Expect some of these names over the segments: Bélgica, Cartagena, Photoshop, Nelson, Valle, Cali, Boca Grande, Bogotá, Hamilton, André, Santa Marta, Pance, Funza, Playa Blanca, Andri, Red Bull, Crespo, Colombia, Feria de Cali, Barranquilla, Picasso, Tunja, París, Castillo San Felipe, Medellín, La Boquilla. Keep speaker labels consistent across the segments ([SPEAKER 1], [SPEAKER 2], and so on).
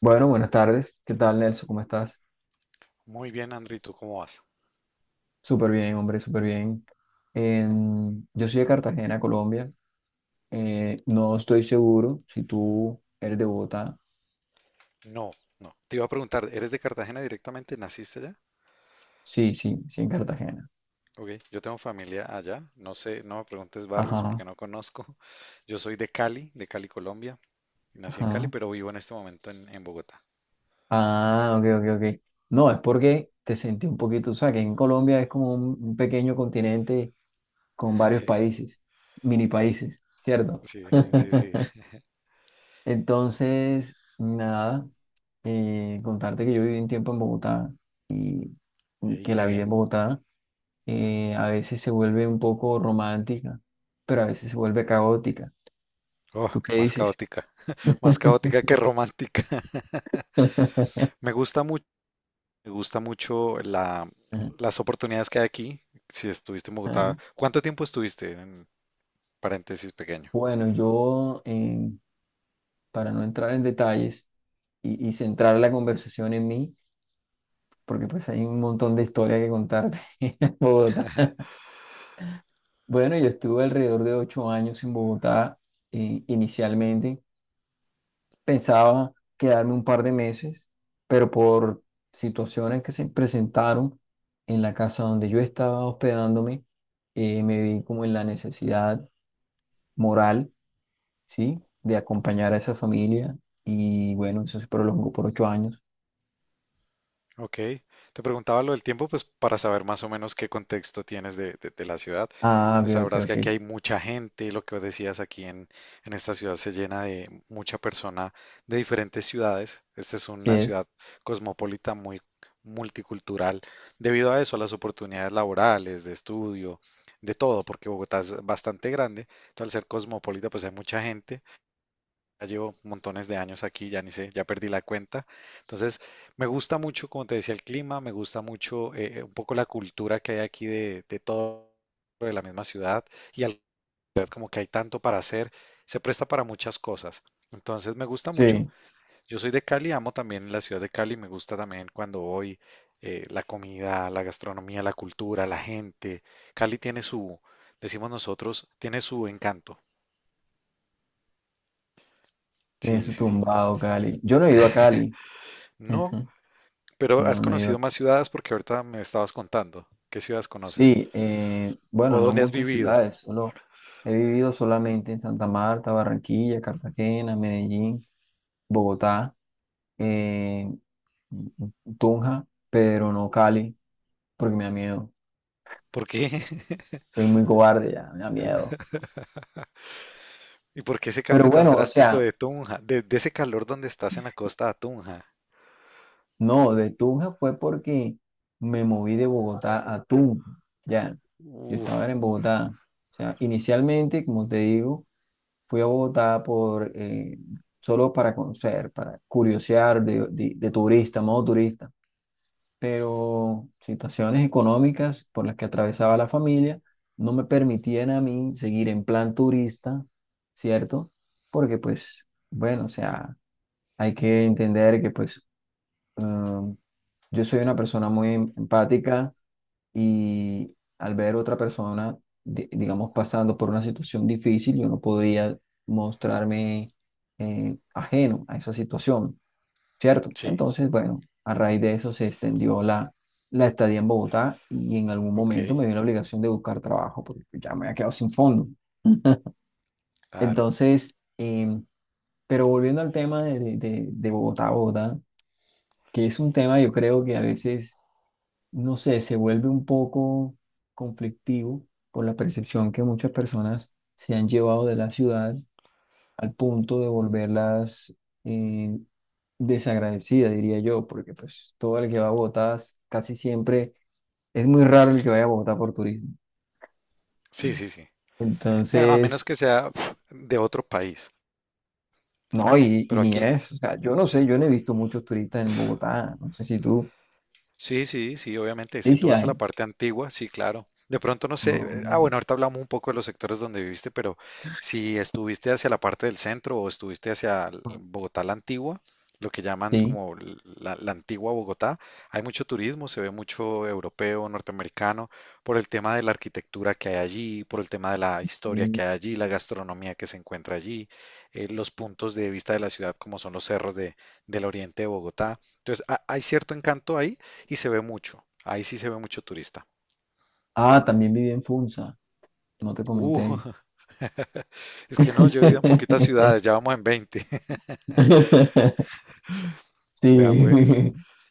[SPEAKER 1] Bueno, buenas tardes. ¿Qué tal, Nelson? ¿Cómo estás?
[SPEAKER 2] Muy bien, Andri, ¿tú cómo vas?
[SPEAKER 1] Súper bien, hombre, súper bien. Yo soy de Cartagena, Colombia. No estoy seguro si tú eres de Bogotá.
[SPEAKER 2] No, no. Te iba a preguntar, ¿eres de Cartagena directamente? ¿Naciste allá?
[SPEAKER 1] Sí, sí, sí, en Cartagena.
[SPEAKER 2] Ok, yo tengo familia allá. No sé, no me preguntes barrios
[SPEAKER 1] Ajá,
[SPEAKER 2] porque no conozco. Yo soy de Cali, Colombia. Nací en Cali,
[SPEAKER 1] ajá.
[SPEAKER 2] pero vivo en este momento en, Bogotá.
[SPEAKER 1] Ah, ok, ok, ok. No, es porque te sentí un poquito, o sea, que en Colombia es como un, pequeño continente con varios países, mini países, ¿cierto?
[SPEAKER 2] Sí, sí, sí.
[SPEAKER 1] Entonces, nada. Contarte que yo viví un tiempo en Bogotá y
[SPEAKER 2] Ey,
[SPEAKER 1] que
[SPEAKER 2] qué
[SPEAKER 1] la vida
[SPEAKER 2] bien.
[SPEAKER 1] en Bogotá a veces se vuelve un poco romántica, pero a veces se vuelve caótica.
[SPEAKER 2] Oh,
[SPEAKER 1] ¿Tú qué
[SPEAKER 2] más
[SPEAKER 1] dices?
[SPEAKER 2] caótica. Más caótica que romántica. Me gusta mucho, me gusta mucho las oportunidades que hay aquí. Si estuviste en
[SPEAKER 1] Ajá.
[SPEAKER 2] Bogotá, ¿cuánto tiempo estuviste? En paréntesis pequeño.
[SPEAKER 1] Bueno, yo, para no entrar en detalles y centrar la conversación en mí, porque pues hay un montón de historia que contarte en Bogotá. Bueno, yo estuve alrededor de 8 años en Bogotá inicialmente. Pensaba quedarme un par de meses, pero por situaciones que se presentaron en la casa donde yo estaba hospedándome, me vi como en la necesidad moral, ¿sí? De acompañar a esa familia y bueno, eso se prolongó por 8 años.
[SPEAKER 2] Ok, te preguntaba lo del tiempo, pues para saber más o menos qué contexto tienes de la ciudad,
[SPEAKER 1] Ah, ok,
[SPEAKER 2] pues
[SPEAKER 1] ok,
[SPEAKER 2] sabrás que
[SPEAKER 1] ok.
[SPEAKER 2] aquí hay mucha gente, lo que vos decías aquí en esta ciudad se llena de mucha persona de diferentes ciudades. Esta es
[SPEAKER 1] Sí
[SPEAKER 2] una
[SPEAKER 1] es.
[SPEAKER 2] ciudad cosmopolita, muy multicultural, debido a eso, a las oportunidades laborales, de estudio, de todo, porque Bogotá es bastante grande. Entonces, al ser cosmopolita, pues hay mucha gente. Ya llevo montones de años aquí, ya ni sé, ya perdí la cuenta. Entonces, me gusta mucho, como te decía, el clima. Me gusta mucho un poco la cultura que hay aquí de todo, de la misma ciudad y como que hay tanto para hacer, se presta para muchas cosas. Entonces, me gusta mucho.
[SPEAKER 1] Sí,
[SPEAKER 2] Yo soy de Cali, amo también la ciudad de Cali, me gusta también cuando voy, la comida, la gastronomía, la cultura, la gente. Cali tiene su, decimos nosotros, tiene su encanto.
[SPEAKER 1] tiene
[SPEAKER 2] Sí,
[SPEAKER 1] su
[SPEAKER 2] sí, sí.
[SPEAKER 1] tumbado, Cali. Yo no he ido a Cali.
[SPEAKER 2] No. Pero has
[SPEAKER 1] No, no he ido.
[SPEAKER 2] conocido más ciudades, porque ahorita me estabas contando qué ciudades conoces
[SPEAKER 1] Sí,
[SPEAKER 2] o
[SPEAKER 1] bueno, no
[SPEAKER 2] dónde has
[SPEAKER 1] muchas
[SPEAKER 2] vivido.
[SPEAKER 1] ciudades, solo he vivido solamente en Santa Marta, Barranquilla, Cartagena, Medellín, Bogotá, eh, Tunja, pero no Cali, porque me da miedo.
[SPEAKER 2] ¿Por qué?
[SPEAKER 1] Soy muy cobarde ya, me da miedo.
[SPEAKER 2] ¿Y por qué ese
[SPEAKER 1] Pero
[SPEAKER 2] cambio tan
[SPEAKER 1] bueno, o
[SPEAKER 2] drástico
[SPEAKER 1] sea,
[SPEAKER 2] de Tunja? De ese calor donde estás en la costa a Tunja.
[SPEAKER 1] no, de Tunja fue porque me moví de Bogotá a Tunja. Ya, yo
[SPEAKER 2] Uf,
[SPEAKER 1] estaba era en Bogotá. O sea, inicialmente, como te digo, fui a Bogotá por, solo para conocer, para curiosear de turista, modo turista. Pero situaciones económicas por las que atravesaba la familia no me permitían a mí seguir en plan turista, ¿cierto? Porque pues, bueno, o sea, hay que entender que pues, Um, yo soy una persona muy empática y al ver otra persona, digamos, pasando por una situación difícil, yo no podía mostrarme ajeno a esa situación, ¿cierto?
[SPEAKER 2] sí,
[SPEAKER 1] Entonces, bueno, a raíz de eso se extendió la estadía en Bogotá y en algún
[SPEAKER 2] ok,
[SPEAKER 1] momento me dio la obligación de buscar trabajo porque pues, ya me había quedado sin fondo.
[SPEAKER 2] claro.
[SPEAKER 1] Entonces, pero volviendo al tema de Bogotá, Bogotá, que es un tema yo creo que a veces no sé, se vuelve un poco conflictivo por la percepción que muchas personas se han llevado de la ciudad al punto de volverlas eh, desagradecidas, diría yo, porque pues todo el que va a Bogotá casi siempre es muy raro el que vaya a Bogotá por turismo.
[SPEAKER 2] Sí, sí, sí. Bueno, a menos
[SPEAKER 1] Entonces,
[SPEAKER 2] que sea, uf, de otro país.
[SPEAKER 1] no, y
[SPEAKER 2] Pero
[SPEAKER 1] ni
[SPEAKER 2] aquí,
[SPEAKER 1] es, o sea, yo no sé, yo no he visto muchos turistas en Bogotá, no sé si tú,
[SPEAKER 2] sí, sí, sí, obviamente.
[SPEAKER 1] sí,
[SPEAKER 2] Si tú
[SPEAKER 1] sí
[SPEAKER 2] vas a la
[SPEAKER 1] hay,
[SPEAKER 2] parte antigua, sí, claro. De pronto no sé,
[SPEAKER 1] no,
[SPEAKER 2] ah,
[SPEAKER 1] no,
[SPEAKER 2] bueno, ahorita hablamos un poco de los sectores donde viviste, pero si estuviste hacia la parte del centro o estuviste hacia
[SPEAKER 1] no.
[SPEAKER 2] Bogotá la antigua, lo que llaman
[SPEAKER 1] Sí.
[SPEAKER 2] como la antigua Bogotá, hay mucho turismo, se ve mucho europeo, norteamericano, por el tema de la arquitectura que hay allí, por el tema de la historia
[SPEAKER 1] Mm.
[SPEAKER 2] que hay allí, la gastronomía que se encuentra allí, los puntos de vista de la ciudad, como son los cerros del oriente de Bogotá. Entonces, hay cierto encanto ahí y se ve mucho. Ahí sí se ve mucho turista.
[SPEAKER 1] Ah, también viví en Funza, no te comenté.
[SPEAKER 2] Uh, es que no, yo he vivido en poquitas ciudades, ya vamos en 20.
[SPEAKER 1] Sí,
[SPEAKER 2] Vea pues.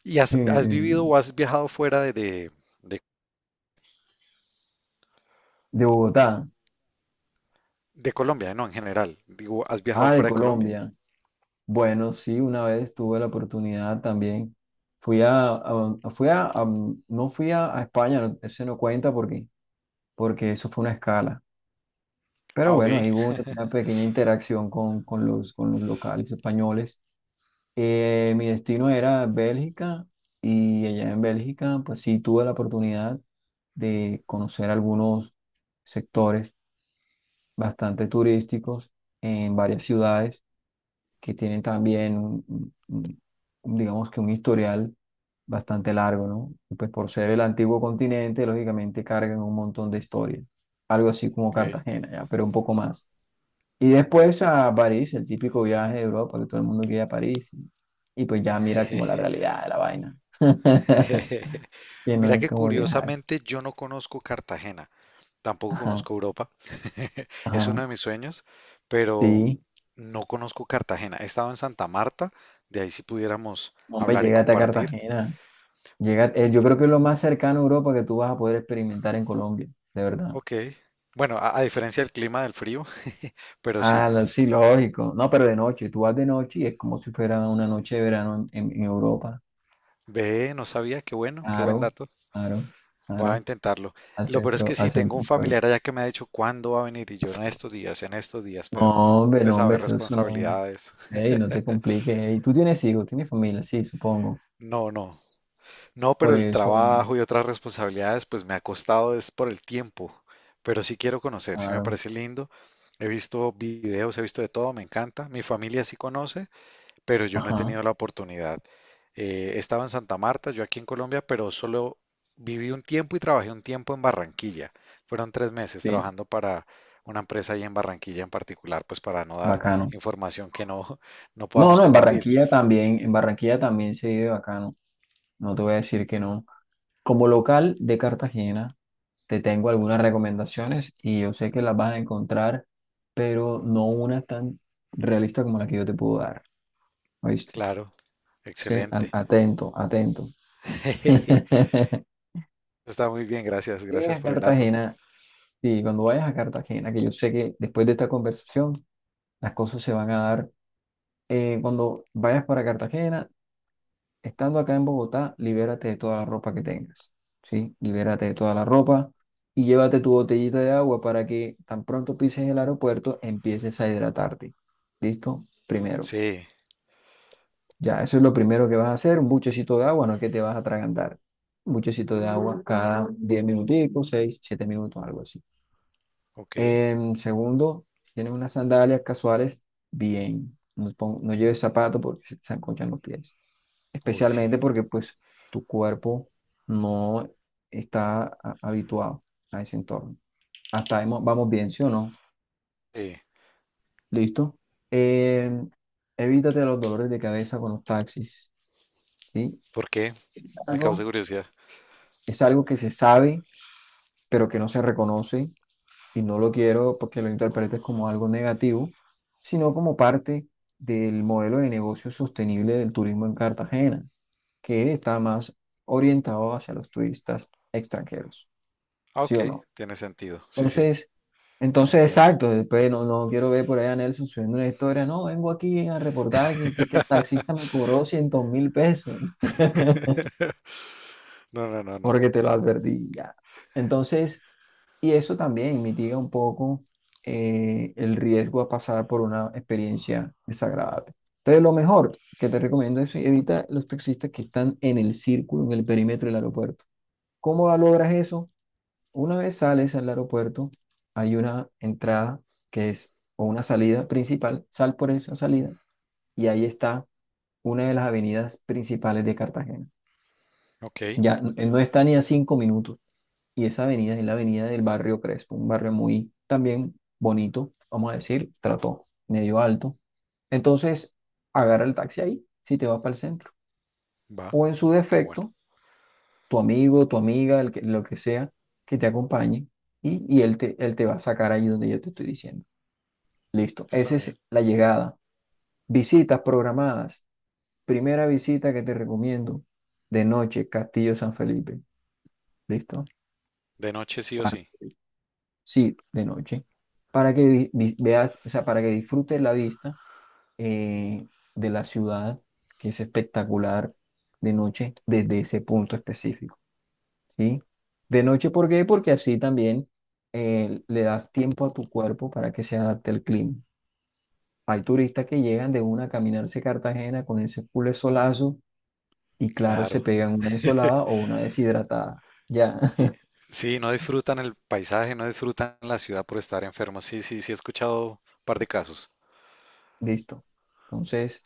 [SPEAKER 2] ¿Y has
[SPEAKER 1] de
[SPEAKER 2] vivido o has viajado fuera de-
[SPEAKER 1] Bogotá.
[SPEAKER 2] de Colombia? No, en general. Digo, ¿has viajado
[SPEAKER 1] Ah, de
[SPEAKER 2] fuera de Colombia?
[SPEAKER 1] Colombia. Bueno, sí, una vez tuve la oportunidad también. Fui a- fui a- no fui a España, ese no cuenta porque eso fue una escala. Pero
[SPEAKER 2] Ah,
[SPEAKER 1] bueno,
[SPEAKER 2] ok.
[SPEAKER 1] ahí hubo una pequeña interacción con los locales españoles. Mi destino era Bélgica y allá en Bélgica, pues sí tuve la oportunidad de conocer algunos sectores bastante turísticos en varias ciudades que tienen también, un- digamos que un historial bastante largo, ¿no? Y pues por ser el antiguo continente, lógicamente cargan un montón de historia, algo así como
[SPEAKER 2] Ok,
[SPEAKER 1] Cartagena, ya, pero un poco más. Y
[SPEAKER 2] vea
[SPEAKER 1] después
[SPEAKER 2] pues.
[SPEAKER 1] a París, el típico viaje de Europa, que todo el mundo quiere a París. Y pues ya mira como la realidad de la vaina. Que no
[SPEAKER 2] Mira
[SPEAKER 1] es
[SPEAKER 2] que
[SPEAKER 1] como que, ajá,
[SPEAKER 2] curiosamente yo no conozco Cartagena. Tampoco
[SPEAKER 1] ajá,
[SPEAKER 2] conozco Europa. Es uno
[SPEAKER 1] ajá.
[SPEAKER 2] de mis sueños, pero
[SPEAKER 1] Sí,
[SPEAKER 2] no conozco Cartagena. He estado en Santa Marta, de ahí si pudiéramos
[SPEAKER 1] hombre,
[SPEAKER 2] hablar y
[SPEAKER 1] llégate a
[SPEAKER 2] compartir.
[SPEAKER 1] Cartagena. Llega,
[SPEAKER 2] Y
[SPEAKER 1] yo creo que es lo más cercano a Europa que tú vas a poder experimentar en Colombia, de verdad.
[SPEAKER 2] ok, bueno, a
[SPEAKER 1] Sí.
[SPEAKER 2] diferencia del clima del frío, pero
[SPEAKER 1] Ah,
[SPEAKER 2] sí,
[SPEAKER 1] sí, lógico. No, pero de noche, tú vas de noche y es como si fuera una noche de verano en Europa.
[SPEAKER 2] ve, no sabía, qué bueno, qué buen
[SPEAKER 1] Claro,
[SPEAKER 2] dato.
[SPEAKER 1] claro,
[SPEAKER 2] Voy a
[SPEAKER 1] claro.
[SPEAKER 2] intentarlo. Lo peor es que
[SPEAKER 1] Al
[SPEAKER 2] sí, tengo
[SPEAKER 1] centro
[SPEAKER 2] un
[SPEAKER 1] histórico.
[SPEAKER 2] familiar allá que me ha dicho cuándo va a venir, y yo, en estos días, pero
[SPEAKER 1] No, hombre,
[SPEAKER 2] usted
[SPEAKER 1] no, hombre,
[SPEAKER 2] sabe,
[SPEAKER 1] eso no.
[SPEAKER 2] responsabilidades.
[SPEAKER 1] Ey, no te compliques. Ey. Tú tienes hijos, tienes familia, sí, supongo.
[SPEAKER 2] No, no. No,
[SPEAKER 1] Por
[SPEAKER 2] pero el
[SPEAKER 1] eso,
[SPEAKER 2] trabajo y otras responsabilidades, pues me ha costado es por el tiempo. Pero sí quiero conocer, sí me
[SPEAKER 1] claro.
[SPEAKER 2] parece lindo. He visto videos, he visto de todo, me encanta. Mi familia sí conoce, pero yo no he
[SPEAKER 1] Ajá,
[SPEAKER 2] tenido la oportunidad. Estaba en Santa Marta, yo aquí en Colombia, pero solo viví un tiempo y trabajé un tiempo en Barranquilla. Fueron 3 meses
[SPEAKER 1] sí,
[SPEAKER 2] trabajando para una empresa ahí en Barranquilla en particular, pues para no dar
[SPEAKER 1] bacano.
[SPEAKER 2] información que no, no
[SPEAKER 1] No,
[SPEAKER 2] podamos
[SPEAKER 1] no,
[SPEAKER 2] compartir.
[SPEAKER 1] En Barranquilla también se vive bacano. No te voy a decir que no. Como local de Cartagena, te tengo algunas recomendaciones y yo sé que las vas a encontrar, pero no una tan realista como la que yo te puedo dar. ¿Oíste?
[SPEAKER 2] Claro,
[SPEAKER 1] Sí, a-
[SPEAKER 2] excelente.
[SPEAKER 1] atento, atento.
[SPEAKER 2] Está muy bien, gracias,
[SPEAKER 1] Vienes
[SPEAKER 2] gracias
[SPEAKER 1] a
[SPEAKER 2] por el dato.
[SPEAKER 1] Cartagena, sí, cuando vayas a Cartagena, que yo sé que después de esta conversación, las cosas se van a dar. Cuando vayas para Cartagena, estando acá en Bogotá, libérate de toda la ropa que tengas, ¿sí? Libérate de toda la ropa y llévate tu botellita de agua para que tan pronto pises el aeropuerto, empieces a hidratarte. ¿Listo? Primero.
[SPEAKER 2] Sí,
[SPEAKER 1] Ya, eso es lo primero que vas a hacer, un buchecito de agua, no es que te vas a atragantar. Un buchecito de agua cada 10 minuticos, 6 7 minutos, algo así.
[SPEAKER 2] ok.
[SPEAKER 1] Segundo, si tienes unas sandalias casuales, bien. No, no lleves zapatos porque se te enconchan los pies.
[SPEAKER 2] Uy, sí.
[SPEAKER 1] Especialmente porque pues tu cuerpo no está habituado a ese entorno. Hasta ahí vamos bien, ¿sí o no?
[SPEAKER 2] Sí.
[SPEAKER 1] ¿Listo? Em, evítate los dolores de cabeza con los taxis, ¿sí?
[SPEAKER 2] ¿Por qué?
[SPEAKER 1] Es
[SPEAKER 2] Me causa
[SPEAKER 1] algo,
[SPEAKER 2] curiosidad.
[SPEAKER 1] es algo, que se sabe, pero que no se reconoce y no lo quiero porque lo interpretes como algo negativo, sino como parte del modelo de negocio sostenible del turismo en Cartagena, que está más orientado hacia los turistas extranjeros,
[SPEAKER 2] Ah,
[SPEAKER 1] ¿sí
[SPEAKER 2] ok,
[SPEAKER 1] o no?
[SPEAKER 2] tiene sentido. Sí, sí,
[SPEAKER 1] Entonces, entonces,
[SPEAKER 2] entiendo.
[SPEAKER 1] exacto, después no, no quiero ver por ahí a Nelson subiendo una historia, no, vengo aquí a reportar que, que el taxista me cobró cientos mil pesos.
[SPEAKER 2] No, no, no, no,
[SPEAKER 1] Porque
[SPEAKER 2] no.
[SPEAKER 1] te lo advertí ya. Entonces, y eso también mitiga un poco el riesgo a pasar por una experiencia desagradable. Entonces, lo mejor que te recomiendo es evita los taxistas que están en el círculo, en el perímetro del aeropuerto. ¿Cómo logras eso? Una vez sales al aeropuerto, hay una entrada que es, o una salida principal, sal por esa salida y ahí está una de las avenidas principales de Cartagena.
[SPEAKER 2] Ok,
[SPEAKER 1] Ya no está ni a 5 minutos. Y esa avenida es la avenida del barrio Crespo, un barrio muy también bonito, vamos a decir, trato medio alto. Entonces, agarra el taxi ahí, si te vas para el centro.
[SPEAKER 2] va,
[SPEAKER 1] O en su
[SPEAKER 2] qué bueno.
[SPEAKER 1] defecto, tu amigo, tu amiga, el que, lo que sea, que te acompañe y él te va a sacar ahí donde yo te estoy diciendo. Listo,
[SPEAKER 2] Está
[SPEAKER 1] esa
[SPEAKER 2] bien.
[SPEAKER 1] es la llegada. Visitas programadas. Primera visita que te recomiendo de noche, Castillo San Felipe. ¿Listo?
[SPEAKER 2] De noche sí o
[SPEAKER 1] Parte
[SPEAKER 2] sí.
[SPEAKER 1] sí, de noche, para que veas, o sea, para que disfrutes la vista eh, de la ciudad, que es espectacular de noche desde ese punto específico, ¿sí? De noche, ¿por qué? Porque así también le das tiempo a tu cuerpo para que se adapte al clima. Hay turistas que llegan de una a caminarse Cartagena con ese culo solazo y claro, se
[SPEAKER 2] Claro.
[SPEAKER 1] pegan una ensolada o una deshidratada. Ya,
[SPEAKER 2] Y sí, no disfrutan el paisaje, no disfrutan la ciudad por estar enfermos. Sí, sí, sí, he escuchado un par de casos.
[SPEAKER 1] listo. Entonces,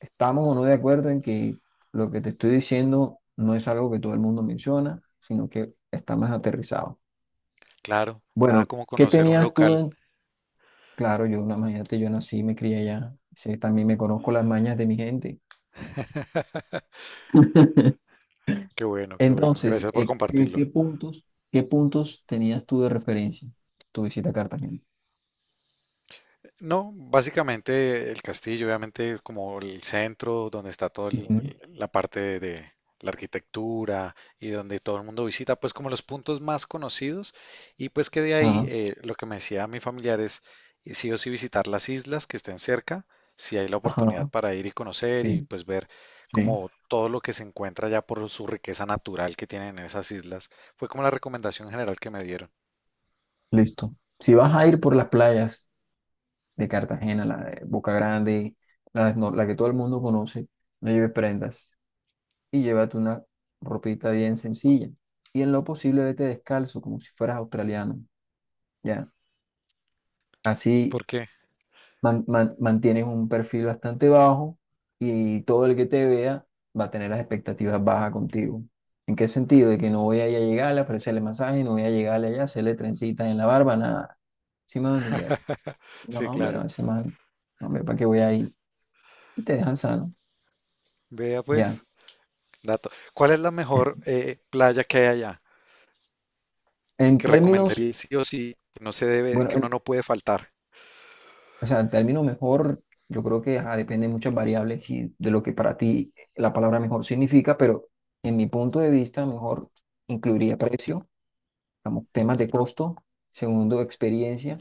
[SPEAKER 1] estamos o no de acuerdo en que lo que te estoy diciendo no es algo que todo el mundo menciona, sino que está más aterrizado.
[SPEAKER 2] Claro, nada
[SPEAKER 1] Bueno,
[SPEAKER 2] como
[SPEAKER 1] ¿qué
[SPEAKER 2] conocer un
[SPEAKER 1] tenías tú
[SPEAKER 2] local.
[SPEAKER 1] en? Claro, yo, una imagínate, yo nací, me crié allá, sí, también me conozco las mañas de mi gente.
[SPEAKER 2] Qué bueno, qué bueno.
[SPEAKER 1] Entonces,
[SPEAKER 2] Gracias por
[SPEAKER 1] ¿qué, qué
[SPEAKER 2] compartirlo.
[SPEAKER 1] puntos, qué puntos tenías tú de referencia tu visita a Cartagena?
[SPEAKER 2] No, básicamente el castillo, obviamente como el centro donde está toda
[SPEAKER 1] Ujú.
[SPEAKER 2] la parte de la arquitectura y donde todo el mundo visita, pues como los puntos más conocidos, y pues que de ahí,
[SPEAKER 1] Ajá,
[SPEAKER 2] lo que me decía mi familiar es, sí o sí visitar las islas que estén cerca, si hay la
[SPEAKER 1] ajá,
[SPEAKER 2] oportunidad para ir y conocer, y
[SPEAKER 1] sí,
[SPEAKER 2] pues ver
[SPEAKER 1] sí,
[SPEAKER 2] como todo lo que se encuentra ya, por su riqueza natural que tienen en esas islas. Fue como la recomendación general que me dieron.
[SPEAKER 1] listo. Si vas a ir por las playas, de Cartagena, la de Boca Grande, la, no- la que todo el mundo conoce, no lleves prendas y llévate una ropita bien sencilla. Y en lo posible vete descalzo, como si fueras australiano, ¿ya? Así
[SPEAKER 2] ¿Por qué?
[SPEAKER 1] mantienes un perfil bastante bajo y todo el que te vea va a tener las expectativas bajas contigo. ¿En qué sentido? De que no voy a ir a llegarle a ofrecerle masaje, no voy a llegarle allá a hacerle trencitas en la barba, nada. ¿Sí me van a entender? No,
[SPEAKER 2] Sí,
[SPEAKER 1] hombre,
[SPEAKER 2] claro.
[SPEAKER 1] no, ese man, no, hombre, ¿para qué voy a ir? Y te dejan sano.
[SPEAKER 2] Vea
[SPEAKER 1] Ya.
[SPEAKER 2] pues. Dato. ¿Cuál es la mejor playa que hay allá?
[SPEAKER 1] En
[SPEAKER 2] Que
[SPEAKER 1] términos,
[SPEAKER 2] recomendaría sí o sí, que no se debe,
[SPEAKER 1] bueno,
[SPEAKER 2] que uno no puede faltar,
[SPEAKER 1] o sea, el término mejor, yo creo que ajá, depende de muchas variables y de lo que para ti la palabra mejor significa, pero en mi punto de vista, mejor incluiría precio, digamos, temas de costo, segundo, experiencia,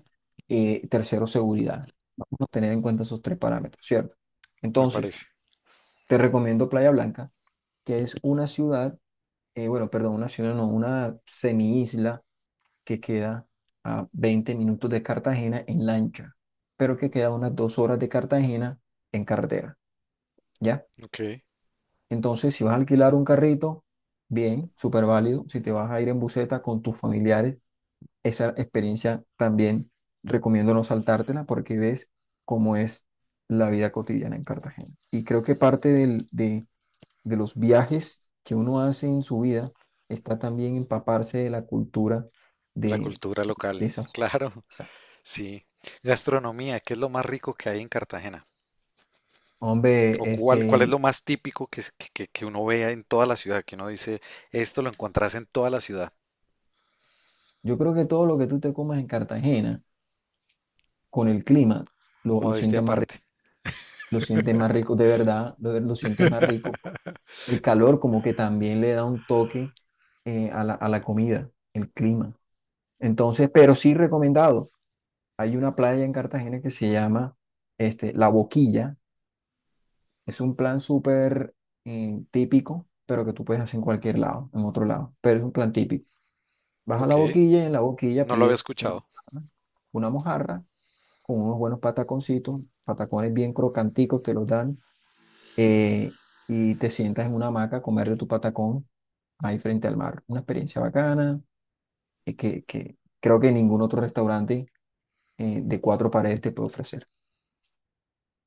[SPEAKER 1] tercero, seguridad. Vamos a tener en cuenta esos tres parámetros, ¿cierto?
[SPEAKER 2] me
[SPEAKER 1] Entonces,
[SPEAKER 2] parece.
[SPEAKER 1] te recomiendo Playa Blanca, que es una ciudad, bueno, perdón, una ciudad, no, una semi que queda a 20 minutos de Cartagena en lancha, pero que queda a unas 2 horas de Cartagena en carretera, ¿ya?
[SPEAKER 2] Ok.
[SPEAKER 1] Entonces, si vas a alquilar un carrito, bien, súper válido. Si te vas a ir en buseta con tus familiares, esa experiencia también recomiendo no saltártela porque ves cómo es la vida cotidiana en Cartagena. Y creo que parte de los viajes que uno hace en su vida está también empaparse de la cultura
[SPEAKER 2] La
[SPEAKER 1] de,
[SPEAKER 2] cultura
[SPEAKER 1] de
[SPEAKER 2] local,
[SPEAKER 1] esas
[SPEAKER 2] claro,
[SPEAKER 1] zonas.
[SPEAKER 2] sí. Gastronomía, ¿qué es lo más rico que hay en Cartagena?
[SPEAKER 1] Hombre,
[SPEAKER 2] ¿O cuál es
[SPEAKER 1] este,
[SPEAKER 2] lo más típico que, es- que uno vea en toda la ciudad? Que uno dice, esto lo encontrás en toda la ciudad.
[SPEAKER 1] yo creo que todo lo que tú te comas en Cartagena, con el clima, lo
[SPEAKER 2] Modestia
[SPEAKER 1] sientes más rico,
[SPEAKER 2] aparte.
[SPEAKER 1] lo sientes más rico, de verdad, lo sientes más rico. El calor como que también le da un toque a la comida, el clima. Entonces, pero sí recomendado. Hay una playa en Cartagena que se llama este, La Boquilla. Es un plan súper típico, pero que tú puedes hacer en cualquier lado, en otro lado, pero es un plan típico. Vas a la
[SPEAKER 2] Ok,
[SPEAKER 1] boquilla y en la boquilla
[SPEAKER 2] no lo había
[SPEAKER 1] pides una,
[SPEAKER 2] escuchado.
[SPEAKER 1] una mojarra con unos buenos pataconcitos, patacones bien crocanticos te los dan eh, y te sientas en una hamaca a comer de tu patacón ahí frente al mar. Una experiencia bacana que creo que ningún otro restaurante de cuatro paredes te puede ofrecer.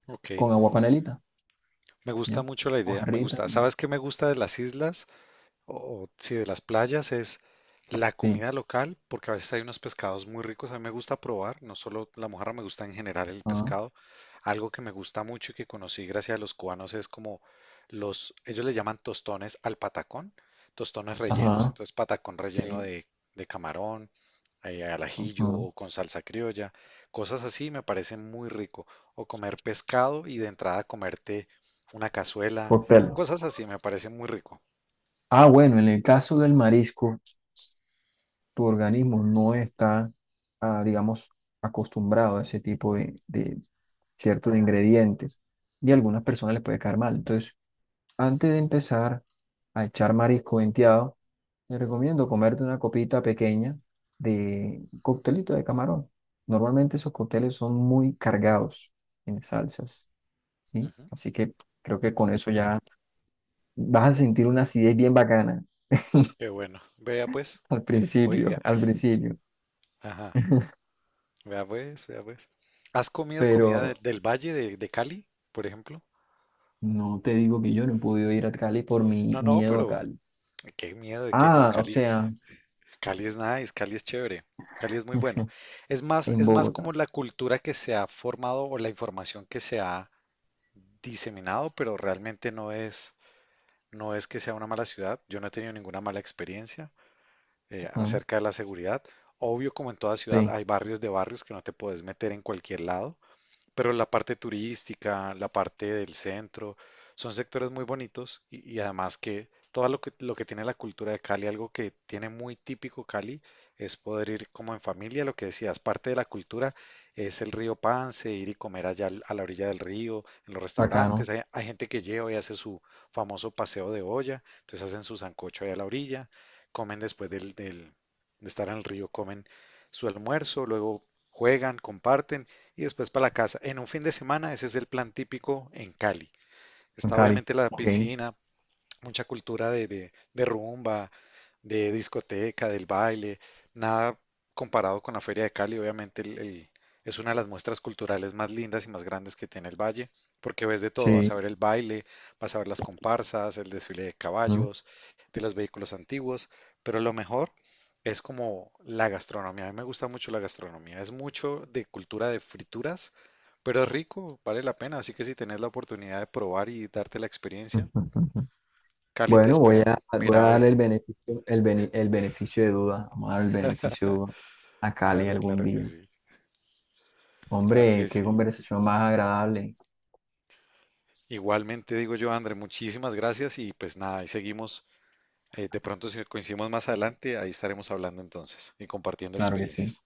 [SPEAKER 2] Ok,
[SPEAKER 1] Con agua panelita,
[SPEAKER 2] me gusta
[SPEAKER 1] ¿ya?
[SPEAKER 2] mucho la idea, me
[SPEAKER 1] Mojarrita,
[SPEAKER 2] gusta. ¿Sabes qué me gusta de las islas? O, si de las playas, es la
[SPEAKER 1] sí.
[SPEAKER 2] comida local, porque a veces hay unos pescados muy ricos. A mí me gusta probar, no solo la mojarra, me gusta en general el
[SPEAKER 1] Ajá,
[SPEAKER 2] pescado. Algo que me gusta mucho y que conocí gracias a los cubanos es como los, ellos le llaman tostones al patacón, tostones rellenos.
[SPEAKER 1] ajá,
[SPEAKER 2] Entonces, patacón relleno
[SPEAKER 1] sí.
[SPEAKER 2] de camarón, al ajillo
[SPEAKER 1] Ajá.
[SPEAKER 2] o con salsa criolla, cosas así me parecen muy rico. O comer pescado y de entrada comerte una cazuela,
[SPEAKER 1] Cóctel.
[SPEAKER 2] cosas así me parecen muy rico.
[SPEAKER 1] Ah, bueno, en el caso del marisco, tu organismo no está digamos, acostumbrado a ese tipo de ciertos ingredientes y a algunas personas les puede caer mal. Entonces, antes de empezar a echar marisco venteado, te recomiendo comerte una copita pequeña de coctelito de camarón. Normalmente esos cócteles son muy cargados en salsas, ¿sí?
[SPEAKER 2] Ujú.
[SPEAKER 1] Así que creo que con eso ya vas a sentir una acidez bien bacana
[SPEAKER 2] Qué bueno. Vea pues, oiga,
[SPEAKER 1] al principio,
[SPEAKER 2] ajá, vea pues, vea pues. ¿Has comido comida de-
[SPEAKER 1] pero
[SPEAKER 2] del Valle de Cali, por ejemplo?
[SPEAKER 1] no te digo que yo no he podido ir a Cali por mi
[SPEAKER 2] No, no,
[SPEAKER 1] miedo a
[SPEAKER 2] pero
[SPEAKER 1] Cali.
[SPEAKER 2] qué miedo de que no.
[SPEAKER 1] Ah, o
[SPEAKER 2] Cali,
[SPEAKER 1] sea,
[SPEAKER 2] Cali es nice, Cali es chévere, Cali es muy bueno.
[SPEAKER 1] en
[SPEAKER 2] Es más como
[SPEAKER 1] Bogotá.
[SPEAKER 2] la cultura que se ha formado o la información que se ha diseminado, pero realmente no es, no es que sea una mala ciudad. Yo no he tenido ninguna mala experiencia
[SPEAKER 1] ¿No?
[SPEAKER 2] acerca de la seguridad. Obvio, como en toda ciudad,
[SPEAKER 1] Sí,
[SPEAKER 2] hay barrios de barrios que no te puedes meter en cualquier lado. Pero la parte turística, la parte del centro, son sectores muy bonitos, y, además, que todo lo que tiene la cultura de Cali, algo que tiene muy típico Cali, es poder ir como en familia, lo que decías, parte de la cultura es el río Pance, ir y comer allá a la orilla del río. En los restaurantes,
[SPEAKER 1] bacano.
[SPEAKER 2] hay gente que lleva y hace su famoso paseo de olla, entonces hacen su sancocho allá a la orilla, comen después de estar en el río, comen su almuerzo, luego juegan, comparten y después para la casa. En un fin de semana, ese es el plan típico en Cali.
[SPEAKER 1] En
[SPEAKER 2] Está
[SPEAKER 1] Cali.
[SPEAKER 2] obviamente la
[SPEAKER 1] Ok,
[SPEAKER 2] piscina, mucha cultura de rumba, de discoteca, del baile, nada comparado con la Feria de Cali, obviamente es una de las muestras culturales más lindas y más grandes que tiene el Valle, porque ves de todo,
[SPEAKER 1] sí.
[SPEAKER 2] vas a ver el baile, vas a ver las comparsas, el desfile de
[SPEAKER 1] ¿No?
[SPEAKER 2] caballos, de los vehículos antiguos, pero lo mejor es como la gastronomía, a mí me gusta mucho la gastronomía, es mucho de cultura de frituras, pero es rico, vale la pena, así que si tenés la oportunidad de probar y darte la experiencia, Cali te
[SPEAKER 1] Bueno, voy
[SPEAKER 2] espera.
[SPEAKER 1] a, voy a
[SPEAKER 2] Mira, ve.
[SPEAKER 1] darle el beneficio, el beneficio de duda. Vamos a dar el beneficio de duda a Cali
[SPEAKER 2] Claro,
[SPEAKER 1] algún
[SPEAKER 2] claro que
[SPEAKER 1] día.
[SPEAKER 2] sí. Claro
[SPEAKER 1] Hombre,
[SPEAKER 2] que
[SPEAKER 1] qué
[SPEAKER 2] sí.
[SPEAKER 1] conversación más agradable.
[SPEAKER 2] Igualmente digo yo, André, muchísimas gracias y pues nada, ahí seguimos. De pronto si coincidimos más adelante, ahí estaremos hablando entonces y compartiendo
[SPEAKER 1] Claro que sí.
[SPEAKER 2] experiencias.